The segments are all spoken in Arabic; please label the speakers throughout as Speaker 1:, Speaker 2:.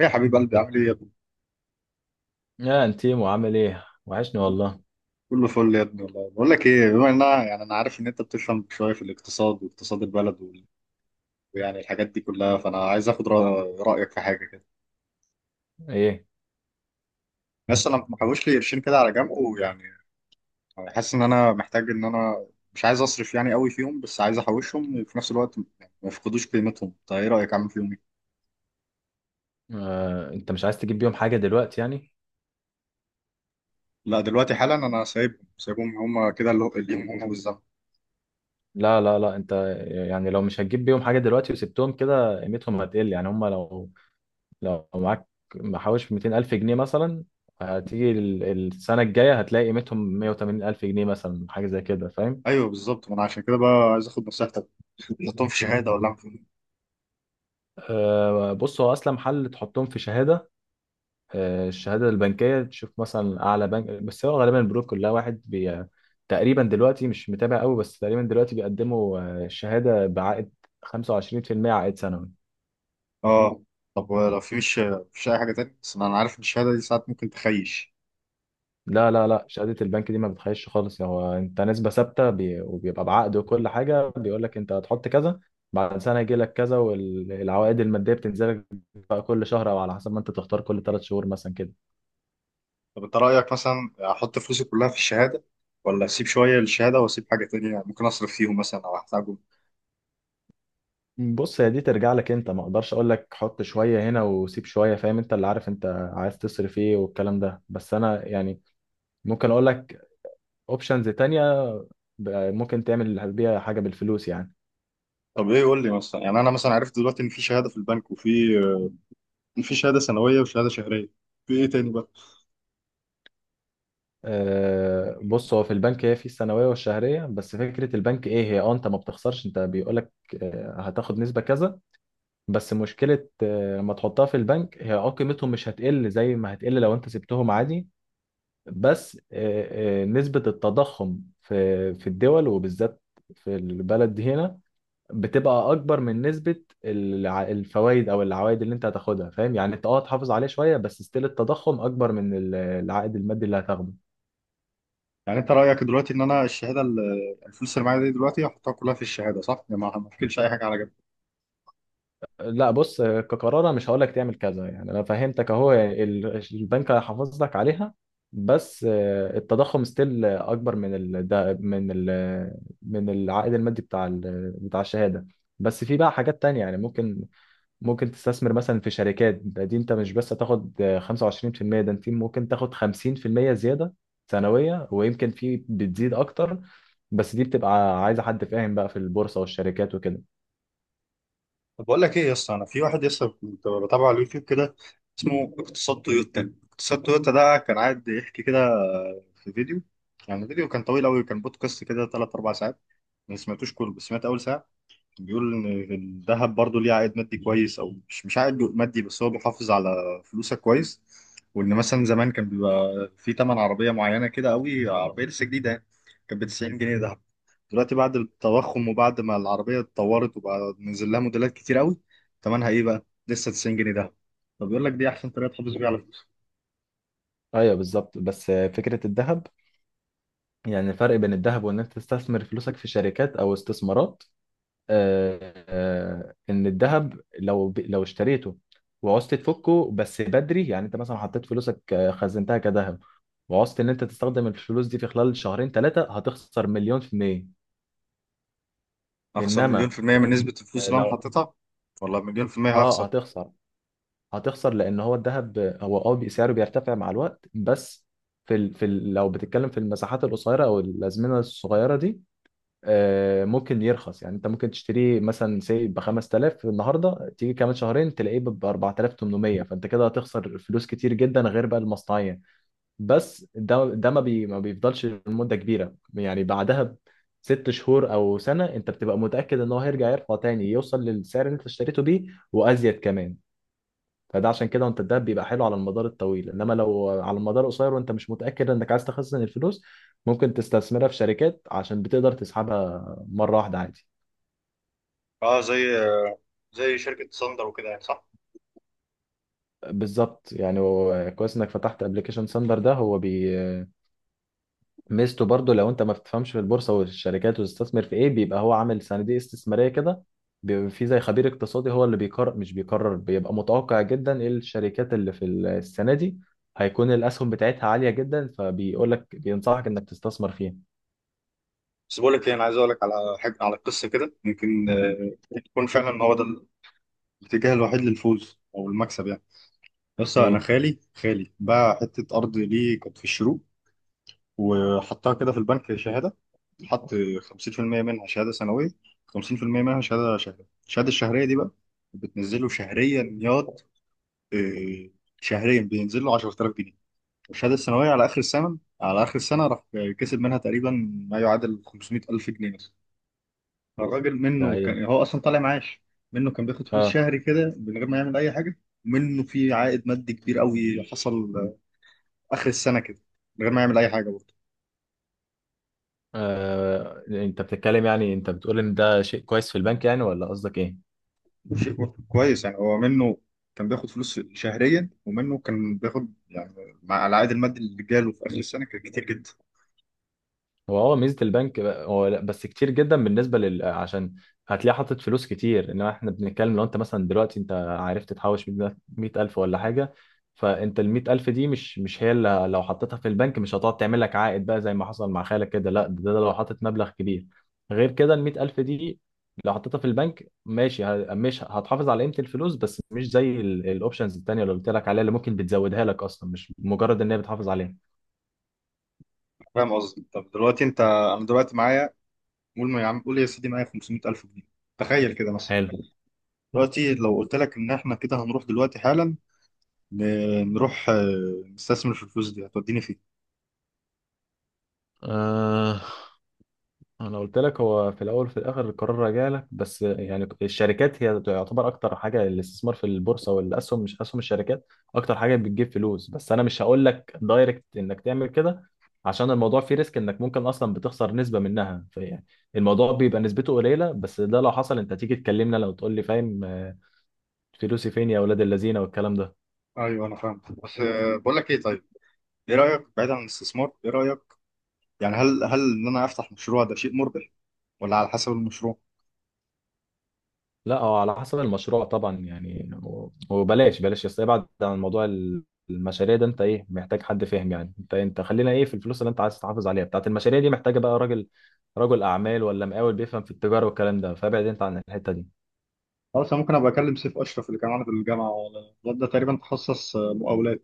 Speaker 1: ايه يا حبيب قلبي، عامل ايه يا ابني؟
Speaker 2: يا انتيمو، عامل ايه؟ وحشني والله.
Speaker 1: كله فل يا ابني، والله بقول لك ايه، بما ان يعني انا عارف ان انت بتفهم شويه في الاقتصاد واقتصاد البلد ويعني الحاجات دي كلها، فانا عايز اخد رايك في حاجه كده.
Speaker 2: ايه؟
Speaker 1: بس انا محوش لي قرشين كده على جنب، ويعني حاسس ان انا محتاج ان انا مش عايز اصرف يعني قوي فيهم، بس عايز احوشهم في نفس الوقت يعني ما يفقدوش قيمتهم. طيب ايه رايك اعمل فيهم ايه؟
Speaker 2: آه، انت مش عايز تجيب بيهم حاجه دلوقتي يعني؟
Speaker 1: لا، دلوقتي حالا انا سايبهم، سايبهم كده اللي هم والزمن.
Speaker 2: لا لا لا، انت يعني لو مش هتجيب بيهم حاجه دلوقتي وسبتهم كده قيمتهم هتقل. يعني هم لو لو معاك محوش 200000 جنيه مثلا، هتيجي السنه الجايه هتلاقي قيمتهم 180000 جنيه مثلا، حاجه زي كده فاهم؟
Speaker 1: ايوه بالظبط، ما انا عشان كده بقى عايز اخد نصيحتك. تحطهم في شهاده ولا أعمل فيهم؟
Speaker 2: آه، بص هو اصلا محل تحطهم في شهاده. آه، الشهادة البنكية تشوف مثلا أعلى بنك، بس هو غالبا البنوك كلها واحد بي تقريبا، دلوقتي مش متابع قوي، بس تقريبا دلوقتي بيقدموا شهادة بعائد 25% عائد سنوي.
Speaker 1: اه. طب لو في مش اي حاجه تانية، بس انا عارف ان الشهاده دي ساعات ممكن تخيش.
Speaker 2: لا لا لا، شهادة البنك دي ما بتخيش خالص. يعني هو أنت نسبة ثابتة وبيبقى بعقد وكل حاجة، بيقول لك أنت هتحط كذا، بعد سنة يجي لك كذا، والعوائد المادية بتنزل لك بقى كل شهر أو على حسب ما أنت تختار، كل ثلاث شهور مثلا كده.
Speaker 1: طب انت رايك مثلا احط فلوسي كلها في الشهاده، ولا اسيب شويه للشهاده واسيب حاجه تانية ممكن اصرف فيهم مثلا او احتاجهم؟
Speaker 2: بص هي دي ترجع لك انت، ما اقدرش اقول لك حط شويه هنا وسيب شويه، فاهم؟ انت اللي عارف انت عايز تصرف ايه والكلام ده. بس انا يعني ممكن اقول لك اوبشنز تانية ممكن تعمل بيها حاجه بالفلوس يعني.
Speaker 1: طب ايه، قول لي مثلا، يعني انا مثلا عرفت دلوقتي ان في شهاده في البنك، وفي شهاده سنويه وشهاده شهريه، في ايه تاني بقى؟
Speaker 2: أه بص، هو في البنك هي في السنويه والشهريه بس. فكره البنك ايه؟ هي اه انت ما بتخسرش، انت بيقول لك آه، هتاخد نسبه كذا، بس مشكله لما تحطها في البنك هي اه قيمتهم مش هتقل زي ما هتقل لو انت سبتهم عادي. بس نسبة التضخم في الدول، وبالذات في البلد دي هنا، بتبقى أكبر من نسبة الفوائد أو العوائد اللي أنت هتاخدها، فاهم؟ يعني أنت أه تحافظ عليه شوية بس ستيل التضخم أكبر من العائد المادي اللي هتاخده.
Speaker 1: يعني انت رايك دلوقتي ان انا الفلوس اللي معايا دي دلوقتي احطها كلها في الشهاده، صح؟ يعني ما افكرش اي حاجه على جنب.
Speaker 2: لا بص، كقرار أنا مش هقول لك تعمل كذا، يعني انا فهمتك اهو، يعني البنك هيحافظ لك عليها، بس آه، التضخم ستيل اكبر من ال ده- من ال من العائد المادي بتاع بتاع الشهاده. بس في بقى حاجات تانية يعني ممكن ممكن تستثمر مثلا في شركات. دي انت مش بس هتاخد 25%، ده انت ممكن تاخد 50% زياده سنويه، ويمكن في بتزيد اكتر. بس دي بتبقى عايزه حد فاهم بقى في البورصه والشركات وكده.
Speaker 1: طب بقول لك ايه يا اسطى، انا في واحد يسطا كنت بتابعه على اليوتيوب كده، اسمه اقتصاد تويوتا. اقتصاد تويوتا ده كان قاعد يحكي كده في فيديو. يعني الفيديو كان طويل قوي، كان بودكاست كده 3 4 ساعات، ما سمعتوش كله بس سمعت اول ساعه. بيقول ان الذهب برضو ليه عائد مادي كويس، او مش عائد مادي، بس هو بيحافظ على فلوسك كويس. وان مثلا زمان كان بيبقى في تمن عربيه معينه كده قوي، عربيه لسه جديده يعني، كانت ب 90 جنيه ذهب. دلوقتي بعد التضخم وبعد ما العربيه اتطورت وبقى نزل لها موديلات كتير قوي، تمنها ايه بقى؟ لسه 90 جنيه ذهب. فبيقول لك دي احسن طريقه تحافظ بيها على فلوسك.
Speaker 2: ايوه بالظبط، بس فكره الذهب، يعني الفرق بين الذهب وان انت تستثمر فلوسك في شركات او استثمارات، ان الذهب لو لو اشتريته وعوزت تفكه بس بدري، يعني انت مثلا حطيت فلوسك، خزنتها كذهب، وعوزت ان انت تستخدم الفلوس دي في خلال شهرين ثلاثة، هتخسر مليون في المية.
Speaker 1: اخسر مليون
Speaker 2: انما
Speaker 1: في الميه من
Speaker 2: آه،
Speaker 1: نسبه الفلوس اللي انا
Speaker 2: لو
Speaker 1: حاططها؟ ولا مليون في الميه
Speaker 2: اه
Speaker 1: هخسر؟
Speaker 2: هتخسر، هتخسر لان هو الذهب هو اه سعره بيرتفع مع الوقت، بس لو بتتكلم في المساحات القصيرة او الازمنة الصغيرة دي، ممكن يرخص. يعني انت ممكن تشتريه مثلا سي ب 5000 النهارده، تيجي كمان شهرين تلاقيه ب 4800، فانت كده هتخسر فلوس كتير جدا غير بقى المصنعيه. بس ده ما بيفضلش لمده كبيره، يعني بعدها ب ست شهور او سنه انت بتبقى متاكد ان هو هيرجع يرفع تاني، يوصل للسعر اللي انت اشتريته بيه وازيد كمان. فده عشان كده، وانت الدهب بيبقى حلو على المدار الطويل، انما لو على المدار القصير وانت مش متاكد انك عايز تخزن الفلوس، ممكن تستثمرها في شركات عشان بتقدر تسحبها مره واحده عادي.
Speaker 1: اه، زي شركه ساندر وكده يعني، صح؟
Speaker 2: بالظبط. يعني هو كويس انك فتحت ابلكيشن ساندر ده، هو بي ميزته برضو لو انت ما بتفهمش في البورصه والشركات وتستثمر في ايه، بيبقى هو عامل صناديق استثماريه كده، بيبقى في زي خبير اقتصادي هو اللي بيقرر، مش بيقرر، بيبقى متوقع جدا ايه الشركات اللي في السنه دي هيكون الاسهم بتاعتها عاليه جدا، فبيقول لك بينصحك انك تستثمر فيها.
Speaker 1: بس بقول لك ايه، انا عايز اقول لك على حاجه، على قصه كده يمكن تكون فعلا هو ده الاتجاه الوحيد للفوز او المكسب يعني. بس انا
Speaker 2: ايه
Speaker 1: خالي باع حته ارض ليه كانت في الشروق، وحطها كده في البنك شهاده. حط 50% منها شهاده سنويه، 50% منها شهاده شهريه. الشهاده الشهريه دي بقى بتنزله شهريا ياض، آه، شهريا بينزل له 10,000 جنيه. والشهاده السنويه على اخر السنه، على اخر السنه راح كسب منها تقريبا ما يعادل 500,000 جنيه مثلا. الراجل
Speaker 2: ده؟
Speaker 1: منه
Speaker 2: ايه؟
Speaker 1: كان هو اصلا طالع معاش، منه كان بياخد فلوس
Speaker 2: اه.
Speaker 1: شهري كده من غير ما يعمل اي حاجه، ومنه في عائد مادي كبير قوي حصل اخر السنه كده، من غير ما يعمل اي حاجه برضه.
Speaker 2: آه. انت بتتكلم، يعني انت بتقول ان ده شيء كويس في البنك يعني؟ ولا قصدك ايه؟
Speaker 1: شيء برضه كويس يعني، هو منه كان بياخد فلوس شهريا، ومنه كان بياخد يعني مع العائد المادي اللي جاله في اخر السنه كان كتير جدا.
Speaker 2: هو اه ميزه البنك بقى- هو لا بس كتير جدا بالنسبه لل عشان هتلاقي حاطط فلوس كتير. انما احنا بنتكلم لو انت مثلا دلوقتي انت عرفت تحوش 100000 ولا حاجه، فانت ال 100000 دي مش هي اللي لو حطيتها في البنك مش هتقعد تعمل لك عائد بقى زي ما حصل مع خالك كده. لا ده لو حاطط مبلغ كبير. غير كده ال 100000 دي لو حطيتها في البنك ماشي، مش هتحافظ على قيمه الفلوس بس، مش زي الاوبشنز التانيه اللي قلت لك عليها اللي ممكن بتزودها لك اصلا، مش مجرد ان هي بتحافظ عليها.
Speaker 1: فاهم قصدي؟ طب دلوقتي انت، انا دلوقتي معايا، قول ما يا عم، قول يا سيدي معايا 500,000 جنيه. تخيل كده مثلا.
Speaker 2: حلو.
Speaker 1: دلوقتي لو قلت لك ان احنا كده هنروح دلوقتي حالا، نروح نستثمر في الفلوس دي، هتوديني فين؟
Speaker 2: أه انا قلت لك، هو في الاول وفي الاخر القرار راجع لك، بس يعني الشركات هي تعتبر اكتر حاجه، الاستثمار في البورصه والاسهم، مش اسهم، الشركات اكتر حاجه بتجيب فلوس، بس انا مش هقول لك دايركت انك تعمل كده عشان الموضوع فيه ريسك، انك ممكن اصلا بتخسر نسبه منها. فيعني الموضوع بيبقى نسبته قليله، بس ده لو حصل انت تيجي تكلمنا، لو تقول لي فاهم فلوسي فين يا اولاد اللذينه والكلام ده.
Speaker 1: ايوه انا فاهم، بس بقول لك ايه، طيب ايه رايك بعيد عن الاستثمار؟ ايه رايك يعني، هل ان انا افتح مشروع، ده شيء مربح ولا على حسب المشروع؟
Speaker 2: لا هو على حسب المشروع طبعا. يعني وبلاش يس ابعد عن موضوع المشاريع ده. انت ايه؟ محتاج حد فاهم. يعني انت انت خلينا ايه في الفلوس اللي انت عايز تحافظ عليها. بتاعت المشاريع دي محتاجه بقى رجل اعمال ولا مقاول بيفهم في التجاره والكلام ده، فابعد انت عن الحته دي.
Speaker 1: خلاص، انا ممكن ابقى اكلم سيف اشرف اللي كان معانا في الجامعه، الواد ده تقريبا تخصص مقاولات.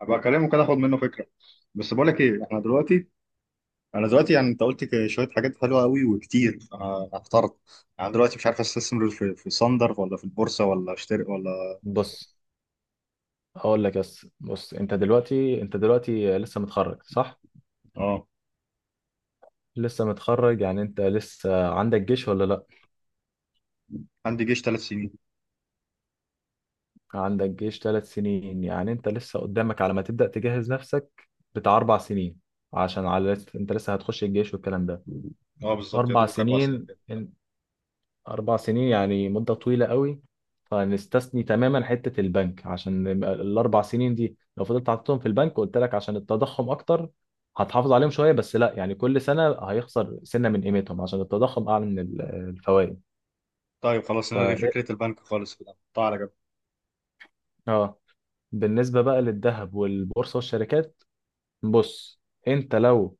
Speaker 1: ابقى اكلمه كده اخد منه فكره. بس بقول لك ايه، احنا دلوقتي، انا دلوقتي يعني انت شويه حاجات حلوه قوي وكتير، انا احترت، يعني دلوقتي مش عارف استثمر في صندر ولا في البورصه ولا اشتري ولا...
Speaker 2: بص هقول لك، بس بص انت دلوقتي، انت دلوقتي لسه متخرج صح؟
Speaker 1: اه،
Speaker 2: لسه متخرج، يعني انت لسه عندك جيش ولا لا؟
Speaker 1: عندي جيش ثلاث سنين.
Speaker 2: عندك جيش ثلاث سنين، يعني انت لسه قدامك على ما تبدأ تجهز نفسك بتاع اربع سنين، عشان انت لسه هتخش الجيش والكلام ده.
Speaker 1: اه بالظبط، يا
Speaker 2: اربع
Speaker 1: دوبك اربع سنين
Speaker 2: سنين
Speaker 1: كده.
Speaker 2: ان- اربع سنين يعني مدة طويلة قوي. فنستثني تماما حتة البنك، عشان الاربع سنين دي لو فضلت حاططهم في البنك، قلت لك عشان التضخم اكتر، هتحافظ عليهم شوية بس لا، يعني كل سنة هيخسر سنة من قيمتهم عشان التضخم اعلى من الفوائد.
Speaker 1: طيب خلاص،
Speaker 2: ف
Speaker 1: نلغي
Speaker 2: إيه،
Speaker 1: فكره البنك خالص كده، نحطها على جنب.
Speaker 2: اه بالنسبة بقى للذهب والبورصة والشركات، بص انت لو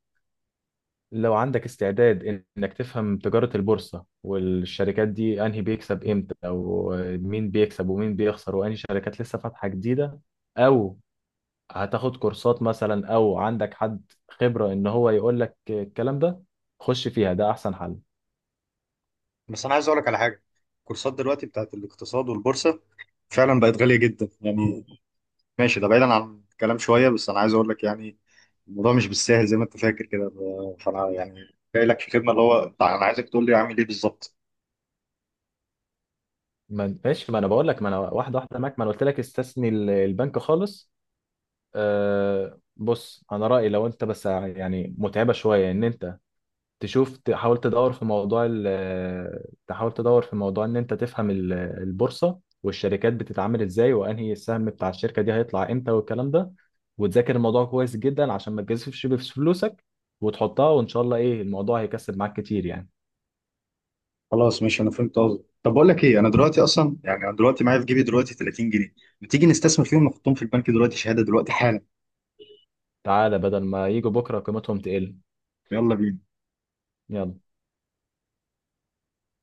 Speaker 2: لو عندك استعداد انك تفهم تجارة البورصة والشركات دي، انهي بيكسب امتى، او مين بيكسب ومين بيخسر، وانهي شركات لسه فاتحة جديدة، او هتاخد كورسات مثلا، او عندك حد خبرة ان هو يقول لك الكلام ده، خش فيها، ده احسن حل.
Speaker 1: بس انا عايز اقول لك على حاجه. الكورسات دلوقتي بتاعت الاقتصاد والبورصه فعلا بقت غاليه جدا يعني. ماشي، ده بعيدا عن الكلام شويه، بس انا عايز اقول لك يعني الموضوع مش بالسهل زي ما انت فاكر كده. فانا يعني جاي لك في خدمه، اللي هو بتاع انا عايزك تقول لي اعمل ايه بالظبط.
Speaker 2: ما ماشي ما انا بقول لك، ما انا واحدة واحدة معاك، ما انا قلت لك استثني البنك خالص. أه بص، انا رأيي لو انت بس يعني متعبة شوية ان انت تشوف، تحاول تدور في موضوع ال، تحاول تدور في موضوع ان انت تفهم البورصة والشركات بتتعامل ازاي، وانهي السهم بتاع الشركة دي هيطلع امتى، والكلام ده، وتذاكر الموضوع كويس جدا عشان ما تجازفش بفلوسك وتحطها، وان شاء الله ايه الموضوع هيكسب معاك كتير يعني.
Speaker 1: خلاص ماشي، انا فهمت قصدك. طب بقول لك ايه، انا دلوقتي اصلا يعني انا دلوقتي معايا في جيبي دلوقتي 30 جنيه. ما تيجي نستثمر فيهم نحطهم في البنك دلوقتي شهاده دلوقتي حالا؟
Speaker 2: تعالى بدل ما يجوا بكرة قيمتهم تقل.
Speaker 1: يلا بينا.
Speaker 2: يلا.